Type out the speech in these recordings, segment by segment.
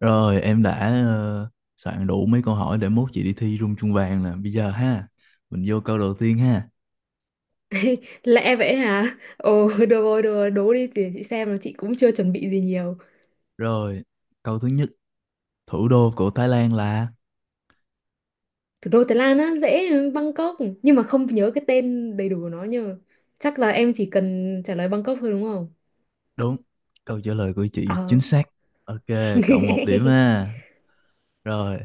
Rồi em đã ờ, soạn đủ mấy câu hỏi để mốt chị đi thi rung chuông vàng nè. Bây giờ ha, mình vô câu đầu tiên ha. Lẽ vậy hả? Ồ, được rồi, đố đi để chị xem là chị cũng chưa chuẩn bị gì nhiều. Rồi, câu thứ nhất, thủ đô của Thái Lan là. Thủ đô Thái Lan á, dễ Bangkok, nhưng mà không nhớ cái tên đầy đủ của nó nhờ. Chắc là em chỉ cần trả lời Bangkok thôi đúng không? Đúng. Câu trả lời của chị chính Ờ. xác. Ok, cộng một điểm ha. Rồi,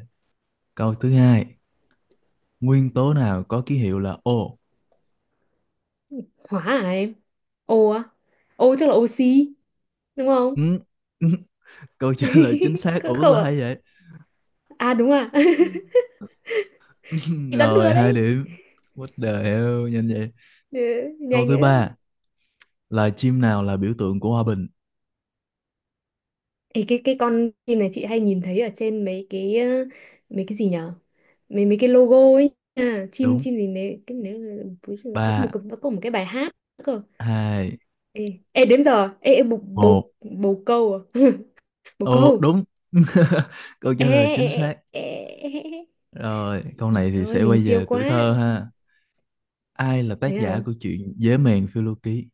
câu thứ hai, nguyên tố nào có ký hiệu là O? Hóa à em? Ô á? Ô chắc là oxy, đúng không? Ừ, ừ. Câu trả lời chính xác. Không, Ủa sao không ạ? hay vậy? À? À đúng à. Chị đoán Rồi, bừa hai đấy. điểm. What the hell, nhanh vậy. Ừ, Câu nhanh thứ nữa. ba, loài chim nào là biểu tượng của hòa bình? Ê, cái con chim này chị hay nhìn thấy ở trên mấy cái mấy cái gì nhở, mấy mấy cái logo ấy nha. Chim Đúng. chim gì đấy cái nếu có Ba. Có một cái bài hát cơ. Hai. Ê, ê đến giờ ê, ê bồ bồ Một. bồ câu à? Bồ Ô câu. đúng. Câu trả Ê, lời chính xác. ê, ê, ê, ê, ê. Rồi câu Trời này thì ơi sẽ quay mình siêu về tuổi quá. thơ ha, ai là tác Thế giả à? của truyện Dế mèn phiêu lưu ký?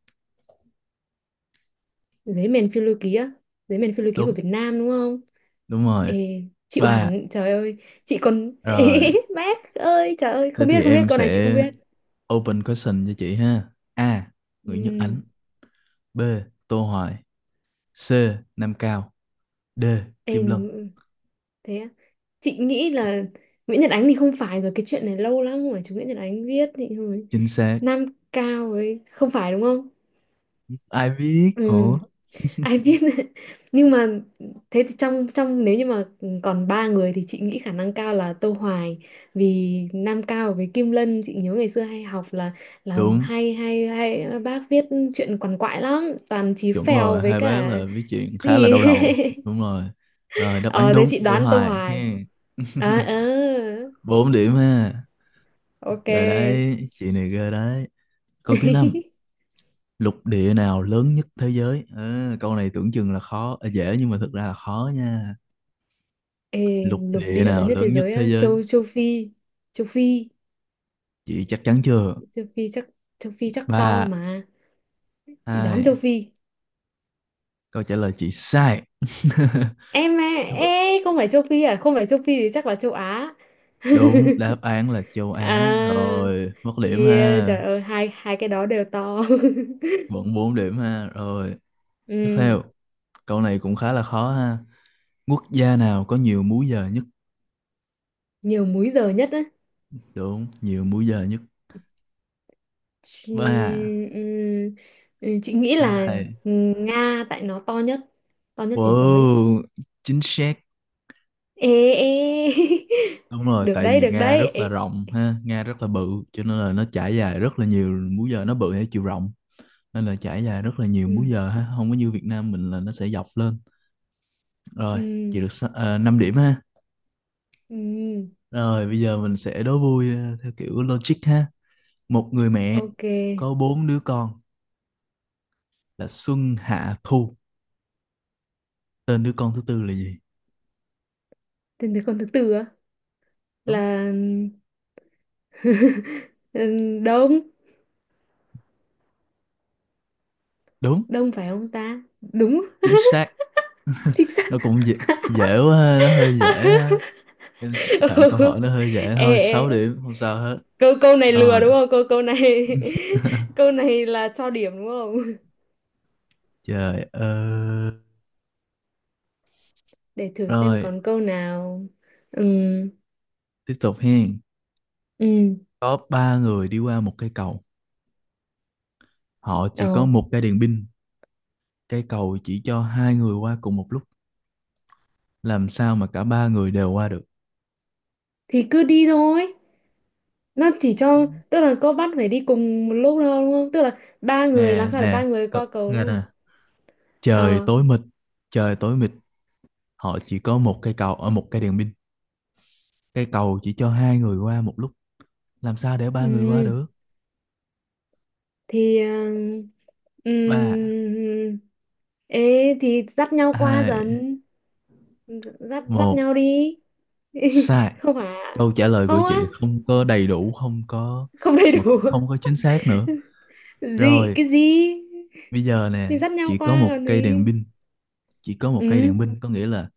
Giấy mèn phiêu lưu ký á? Giấy mèn phiêu lưu ký của Đúng. Việt Nam đúng không? Đúng rồi. ê Chịu Ba. hẳn trời ơi, chị còn Rồi, bác ơi trời ơi, thế không biết, thì không biết em con này chị không sẽ biết. open question cho chị ha. A, Nguyễn Nhật Ừm. Ánh. B, Tô Hoài. C, Nam Cao. D, Ê, Kim Lân. thế á? Chị nghĩ là Nguyễn Nhật Ánh thì không phải rồi, cái chuyện này lâu lắm rồi, chú Nguyễn Nhật Ánh viết thì hồi Chính xác. Nam Cao ấy, không phải đúng không? Ai biết, Ừ, ủa? ai viết nhưng mà thế thì trong trong nếu như mà còn ba người thì chị nghĩ khả năng cao là Tô Hoài, vì Nam Cao với Kim Lân chị nhớ ngày xưa hay học là Đúng. hay hay hay bác viết chuyện quằn quại lắm, toàn chí Chuẩn phèo rồi, với hai bé cả là viết chuyện khá là gì. đau đầu, đúng rồi. Rồi đáp án Ờ thế đúng chị Vân đoán Tô Hoài Hoài. he. À, ờ, Bốn điểm ha. ok. Rồi đấy, chị này ghê đấy. Câu thứ năm, lục địa nào lớn nhất thế giới? À, câu này tưởng chừng là khó, à, dễ nhưng mà thực ra là khó nha. Ê, Lục lục địa địa lớn nào nhất thế lớn nhất giới thế á, giới? châu châu Phi, châu Phi, Chị chắc chắn chưa? châu Phi chắc, châu Phi chắc to Ba. mà. Chị đoán châu Hai. Phi. Câu trả lời chị sai. Em à, ê, không phải châu Phi à, không phải châu Phi thì chắc là châu Á. Đúng, đáp án là châu Á À. rồi. Mất điểm Yeah, ha. trời ơi, hai hai cái đó đều to. Vẫn bốn điểm ha. Rồi, tiếp Ừ, theo. Câu này cũng khá là khó ha. Quốc gia nào có nhiều múi giờ nhất? nhiều múi giờ nhất á. Đúng, nhiều múi giờ nhất. Chị, Ba, ừ, ừ, chị nghĩ là hai. Nga tại nó to nhất thế giới. Wow, chính xác. Ê ê Đúng rồi, Được tại đấy, vì được Nga đấy rất là ê. rộng ha, Nga rất là bự, cho nên là nó trải dài rất là nhiều múi giờ, nó bự theo chiều rộng, nên là trải dài rất là nhiều Ừ, múi giờ ha, không có như Việt Nam mình là nó sẽ dọc lên. Rồi, ừ, chị được 5 điểm ha. ừ, Rồi, bây giờ mình sẽ đố vui theo kiểu logic ha. Một người mẹ ok. có bốn đứa con là Xuân, Hạ, Thu. Tên đứa con thứ tư là gì? Tên từ con thứ tư á, Đúng. là ừ, đông, Đúng. đông phải không ta? Đúng. Chính xác. Chính xác. Nó cũng dễ, dễ quá ha, nó hơi dễ ha. Em soạn câu hỏi Ừ. nó hơi dễ ê, thôi. Sáu ê. điểm không sao hết. Câu câu này lừa Rồi. đúng không, câu câu này câu này là cho điểm đúng không, Trời ơi. để thử xem Rồi, còn câu nào. Ừ. tiếp tục hen. Ừ. Có ba người đi qua một cây cầu. Họ chỉ Ờ có một cái đèn pin. Cây cầu chỉ cho hai người qua cùng một lúc. Làm sao mà cả ba người đều qua được? thì cứ đi thôi, nó chỉ cho tức là có bắt phải đi cùng một lúc đâu đúng không, tức là ba người làm Nè sao để nè, ba người cậu qua cầu nghe đúng không? nè, trời Ờ. tối mịt. Trời tối mịt, họ chỉ có một cây cầu ở một cây đèn pin. Cây cầu chỉ cho hai người qua một lúc. Làm sao để ba người qua Ừ được? thì ừ, Ba, ê thì dắt nhau qua dần, hai, dắt dắt một, nhau đi. sai. Không hả? Câu trả lời của Không á, chị không có đầy đủ, không có không đầy mà đủ. cũng không có chính xác nữa. Gì, Rồi, cái gì? bây giờ Thì nè, dắt nhau chỉ có qua một còn cây gì. đèn pin, chỉ có một cây Ừ. đèn pin có nghĩa là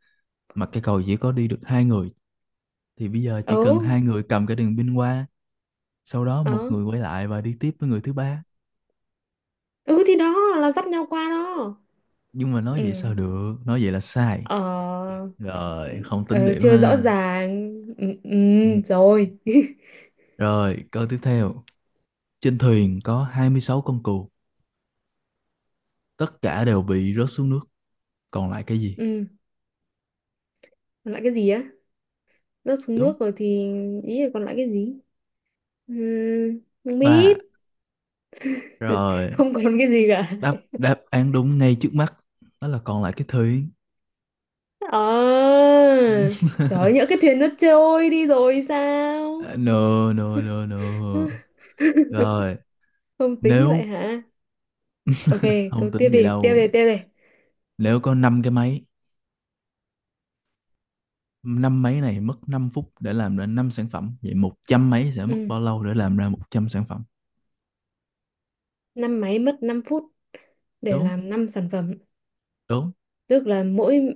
mà cây cầu chỉ có đi được hai người, thì bây giờ chỉ cần Ừ. hai người cầm cái đèn pin qua, sau đó Ờ. một người quay lại và đi tiếp với người thứ ba. Ừ thì đó là dắt nhau qua đó. Nhưng mà nói Ừ. vậy sao được, nói vậy là sai. Ờ. Rồi, không tính Ờ, điểm chưa rõ mà. ràng. Ừ, ừ, Ừ. rồi. Rồi, câu tiếp theo. Trên thuyền có 26 con cừu, tất cả đều bị rớt xuống nước, còn lại cái gì? Ừ, còn lại cái gì á, rớt xuống Đúng. nước rồi thì, ý là còn lại cái gì. Ừ, không Ba. biết. Rồi, Không còn cái gì cả. đáp đáp án đúng ngay trước mắt, đó là còn lại cái thủy. Ờ, trời ơi, nhỡ cái thuyền nó trôi đi rồi sao. No no no no. Rồi, Không tính vậy nếu hả? Ok, không câu tiếp tính vậy đi, tiếp đi, đâu. tiếp đi. Nếu có 5 cái máy, năm máy này mất 5 phút để làm ra năm sản phẩm, vậy 100 máy sẽ mất Ừ. bao lâu để làm ra 100 sản phẩm? Năm máy mất 5 phút để Đúng. làm 5 sản phẩm, Đúng. tức là mỗi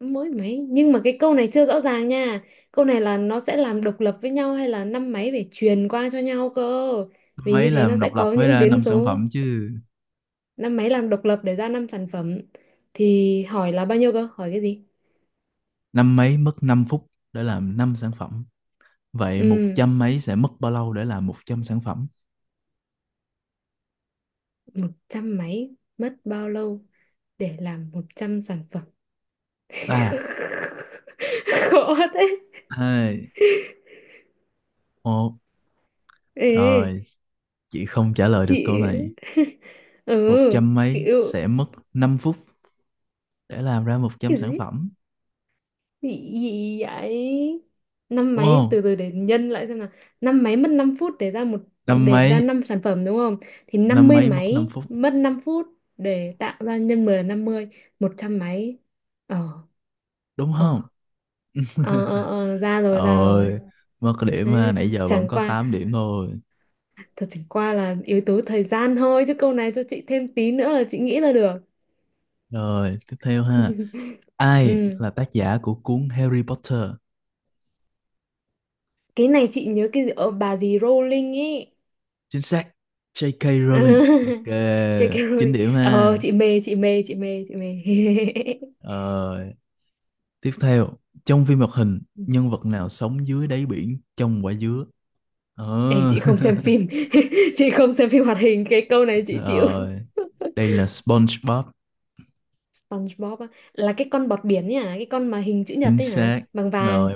mỗi máy, nhưng mà cái câu này chưa rõ ràng nha. Câu này là nó sẽ làm độc lập với nhau hay là năm máy phải truyền qua cho nhau cơ, vì Máy như thế nó làm sẽ độc lập có mới những ra biến 5 sản số. phẩm chứ. Năm máy làm độc lập để ra năm sản phẩm thì hỏi là bao nhiêu cơ, hỏi cái gì? Năm máy mất 5 phút để làm 5 sản phẩm. Vậy một Ừ, trăm mấy sẽ mất bao lâu để làm 100 sản phẩm? một trăm máy mất bao lâu để làm 100 sản phẩm. Ba, Khó thế. hai, một. Ê, Rồi, chị không trả lời được câu chị này. ừ, 100 mấy kiểu sẽ mất 5 phút để làm ra 100 cái sản gì? phẩm. Gì, gì vậy? Năm Đúng mấy không? từ từ để nhân lại xem nào. Năm mấy mất 5 phút Năm để ra mấy, 5 sản phẩm đúng không? Thì năm năm mươi mấy mất năm máy phút. mất 5 phút để tạo ra, nhân 10 là 50, 100 mấy. Ờ, Đúng ờ không? Ờ ra rồi, ra rồi. Rồi, mất điểm ha. Đấy, Nãy giờ vẫn chẳng có qua tám điểm thôi. Chẳng qua là yếu tố thời gian thôi, chứ câu này cho chị thêm tí nữa là chị nghĩ ra được. Rồi, tiếp theo ha. Ai Ừ. là tác giả của cuốn Harry Potter? Cái này chị nhớ cái gì- bà gì Rowling ấy. Chính xác, J.K. Rowling. Ok, J.K. 9 Rowling. điểm Ờ ha. chị mê, Rồi, tiếp theo, trong phim hoạt hình, nhân vật nào sống dưới đáy biển trong quả dứa? Ê, Ờ. chị không xem phim chị không xem phim hoạt hình, cái câu này chị chịu. Rồi, đây là SpongeBob, SpongeBob á, là cái con bọt biển ấy hả, cái con mà hình chữ nhật chính ấy hả, xác. vàng vàng. Rồi,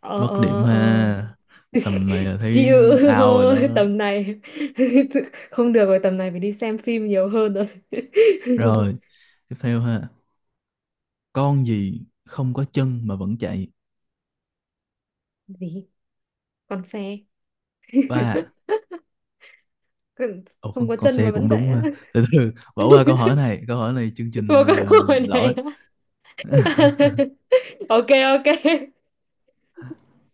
ờ mất điểm ờ ờ ha. Tầm này là Chịu. thấy out rồi đó. Thôi tầm này không được rồi, tầm này phải đi xem phim nhiều hơn rồi. Rồi, tiếp theo ha. Con gì không có chân mà vẫn chạy? Gì, con xe. Ba. Con- Ồ, không có con chân xe mà vẫn cũng chạy đúng á. ha. Từ từ, bỏ qua câu hỏi này. Câu hỏi này chương trình Vô cái câu hỏi lỗi. này á. Ok, ok.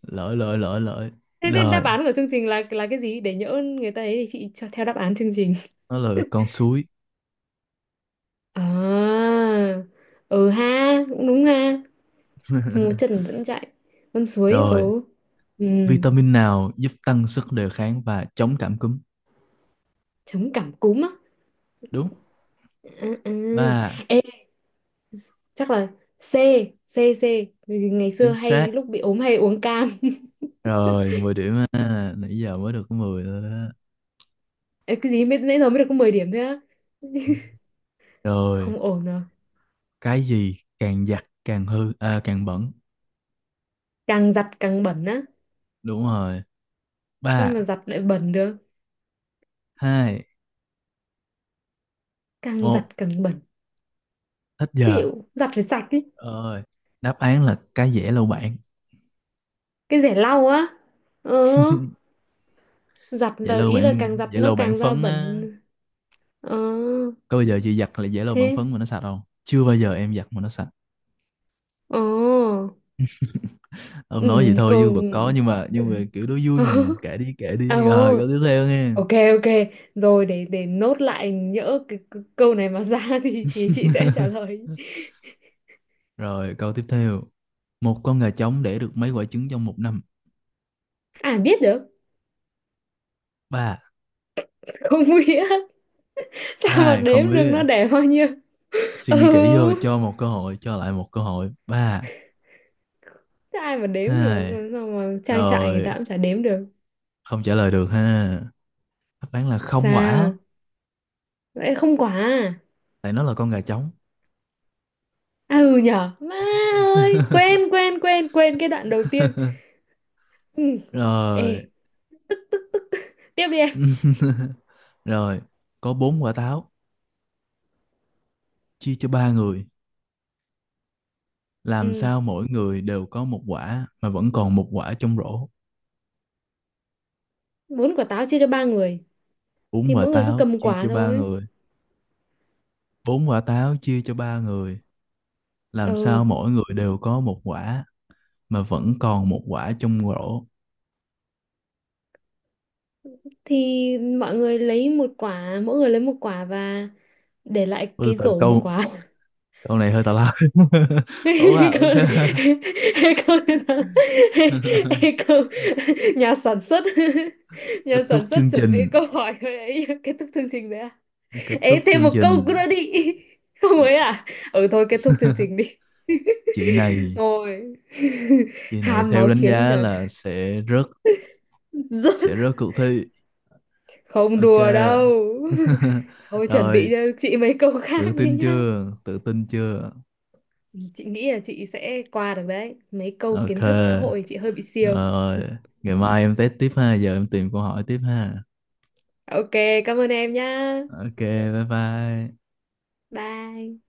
Lỗi, lỗi, lỗi, lỗi. Thế, thế Rồi, đáp án của chương trình là cái gì, để nhỡ người ta ấy thì chị cho theo đáp án chương trình. nó là con suối. À, ừ ha, cũng đúng ha. Một chân vẫn chạy, con suối. Rồi, Ừ. Ừ. vitamin nào giúp tăng sức đề kháng và chống cảm cúm? Chống cảm cúm á, Đúng. à, Ba, à. Ê, chắc là C. C. C. Bởi vì ngày xưa chính hay xác. lúc bị ốm hay uống cam. Rồi, 10 điểm ha. Nãy giờ mới được có 10 thôi đó. Ê, cái gì, mới nãy giờ mới được có 10 điểm thôi á, Rồi, không ổn rồi. cái gì càng giặt càng hư, à, càng bẩn. Càng giặt càng bẩn á, Đúng rồi. sao mà Ba, giặt lại bẩn được, hai, càng giặt một, càng bẩn. hết giờ. Chịu, giặt phải sạch đi. Rồi, đáp án là cái dẻ lau bảng. Cái rẻ lau á, ờ, giặt Dẻ là lau ý là càng bảng, giặt dẻ nó lau bảng càng ra phấn á. bẩn. Ờ, Có bao giờ chị giặt là dẻ lau bảng thế phấn mà nó sạch không? Chưa bao giờ em giặt mà nó sạch. ờ. Ông Ừ, nói vậy thôi còn chứ vẫn có nhưng mà kiểu đó vui ờ, mà, kể ờ, đi rồi câu tiếp theo nghe. ok, ok. Rồi để nốt lại, nhỡ cái câu này mà ra thì chị sẽ trả lời. Rồi câu tiếp theo, một con gà trống đẻ được mấy quả trứng trong một năm? À biết được. Ba. Không biết. Sao mà Hai, không đếm được biết nó ạ. đẻ bao nhiêu. Suy nghĩ kỹ vô, Ừ. cho một cơ hội, cho lại một cơ hội. Ba. Thế ai mà đếm được, Hai. làm sao mà trang trại người ta Rồi, cũng chả đếm được. không trả lời được ha. Đáp án là không quả, Sao vậy, không quả? tại nó là con gà trống. À, ừ nhở, má ơi, quên, quên quên quên cái đoạn đầu tiên. Ừ. Rồi. Ê, tiếp đi em. Rồi, có bốn quả táo chia cho ba người. Làm Ừ. sao mỗi người đều có một quả mà vẫn còn một quả trong rổ? Bún quả táo chia cho ba người, thì Bốn quả mỗi người cứ táo cầm một chia quả cho ba thôi. người. Bốn quả táo chia cho ba người. Làm sao Ừ, mỗi người đều có một quả mà vẫn còn một quả trong rổ? thì mọi người lấy một quả, mỗi người lấy một quả và để lại Ôi, cái từ từ rổ một câu, quả. câu này hơi tào lao. Ủa à, Câu, ok. câu câu nhà sản xuất, Kết nhà thúc sản xuất chương chuẩn bị trình. câu hỏi ấy kết thúc chương trình đấy. Kết Ê, thúc thêm chương một câu trình. nữa đi. Không ấy à? Ừ thôi kết thúc chương trình đi. Chị này, Ngồi. chị này Ham theo máu đánh chiến giá rồi. là sẽ rớt, Rớt. sẽ rớt cuộc thi. Không Ok. đùa đâu. Thôi chuẩn bị Rồi. cho chị mấy câu Tự khác đi tin nhá. chưa? Tự tin chưa? Ừ, chị nghĩ là chị sẽ qua được đấy. Mấy câu Ok. kiến thức xã hội chị hơi bị siêu. Rồi. Ngày mai em test tiếp ha. Giờ em tìm câu hỏi tiếp ha. Ok, cảm ơn em nhá. Ok. Bye bye. Bye.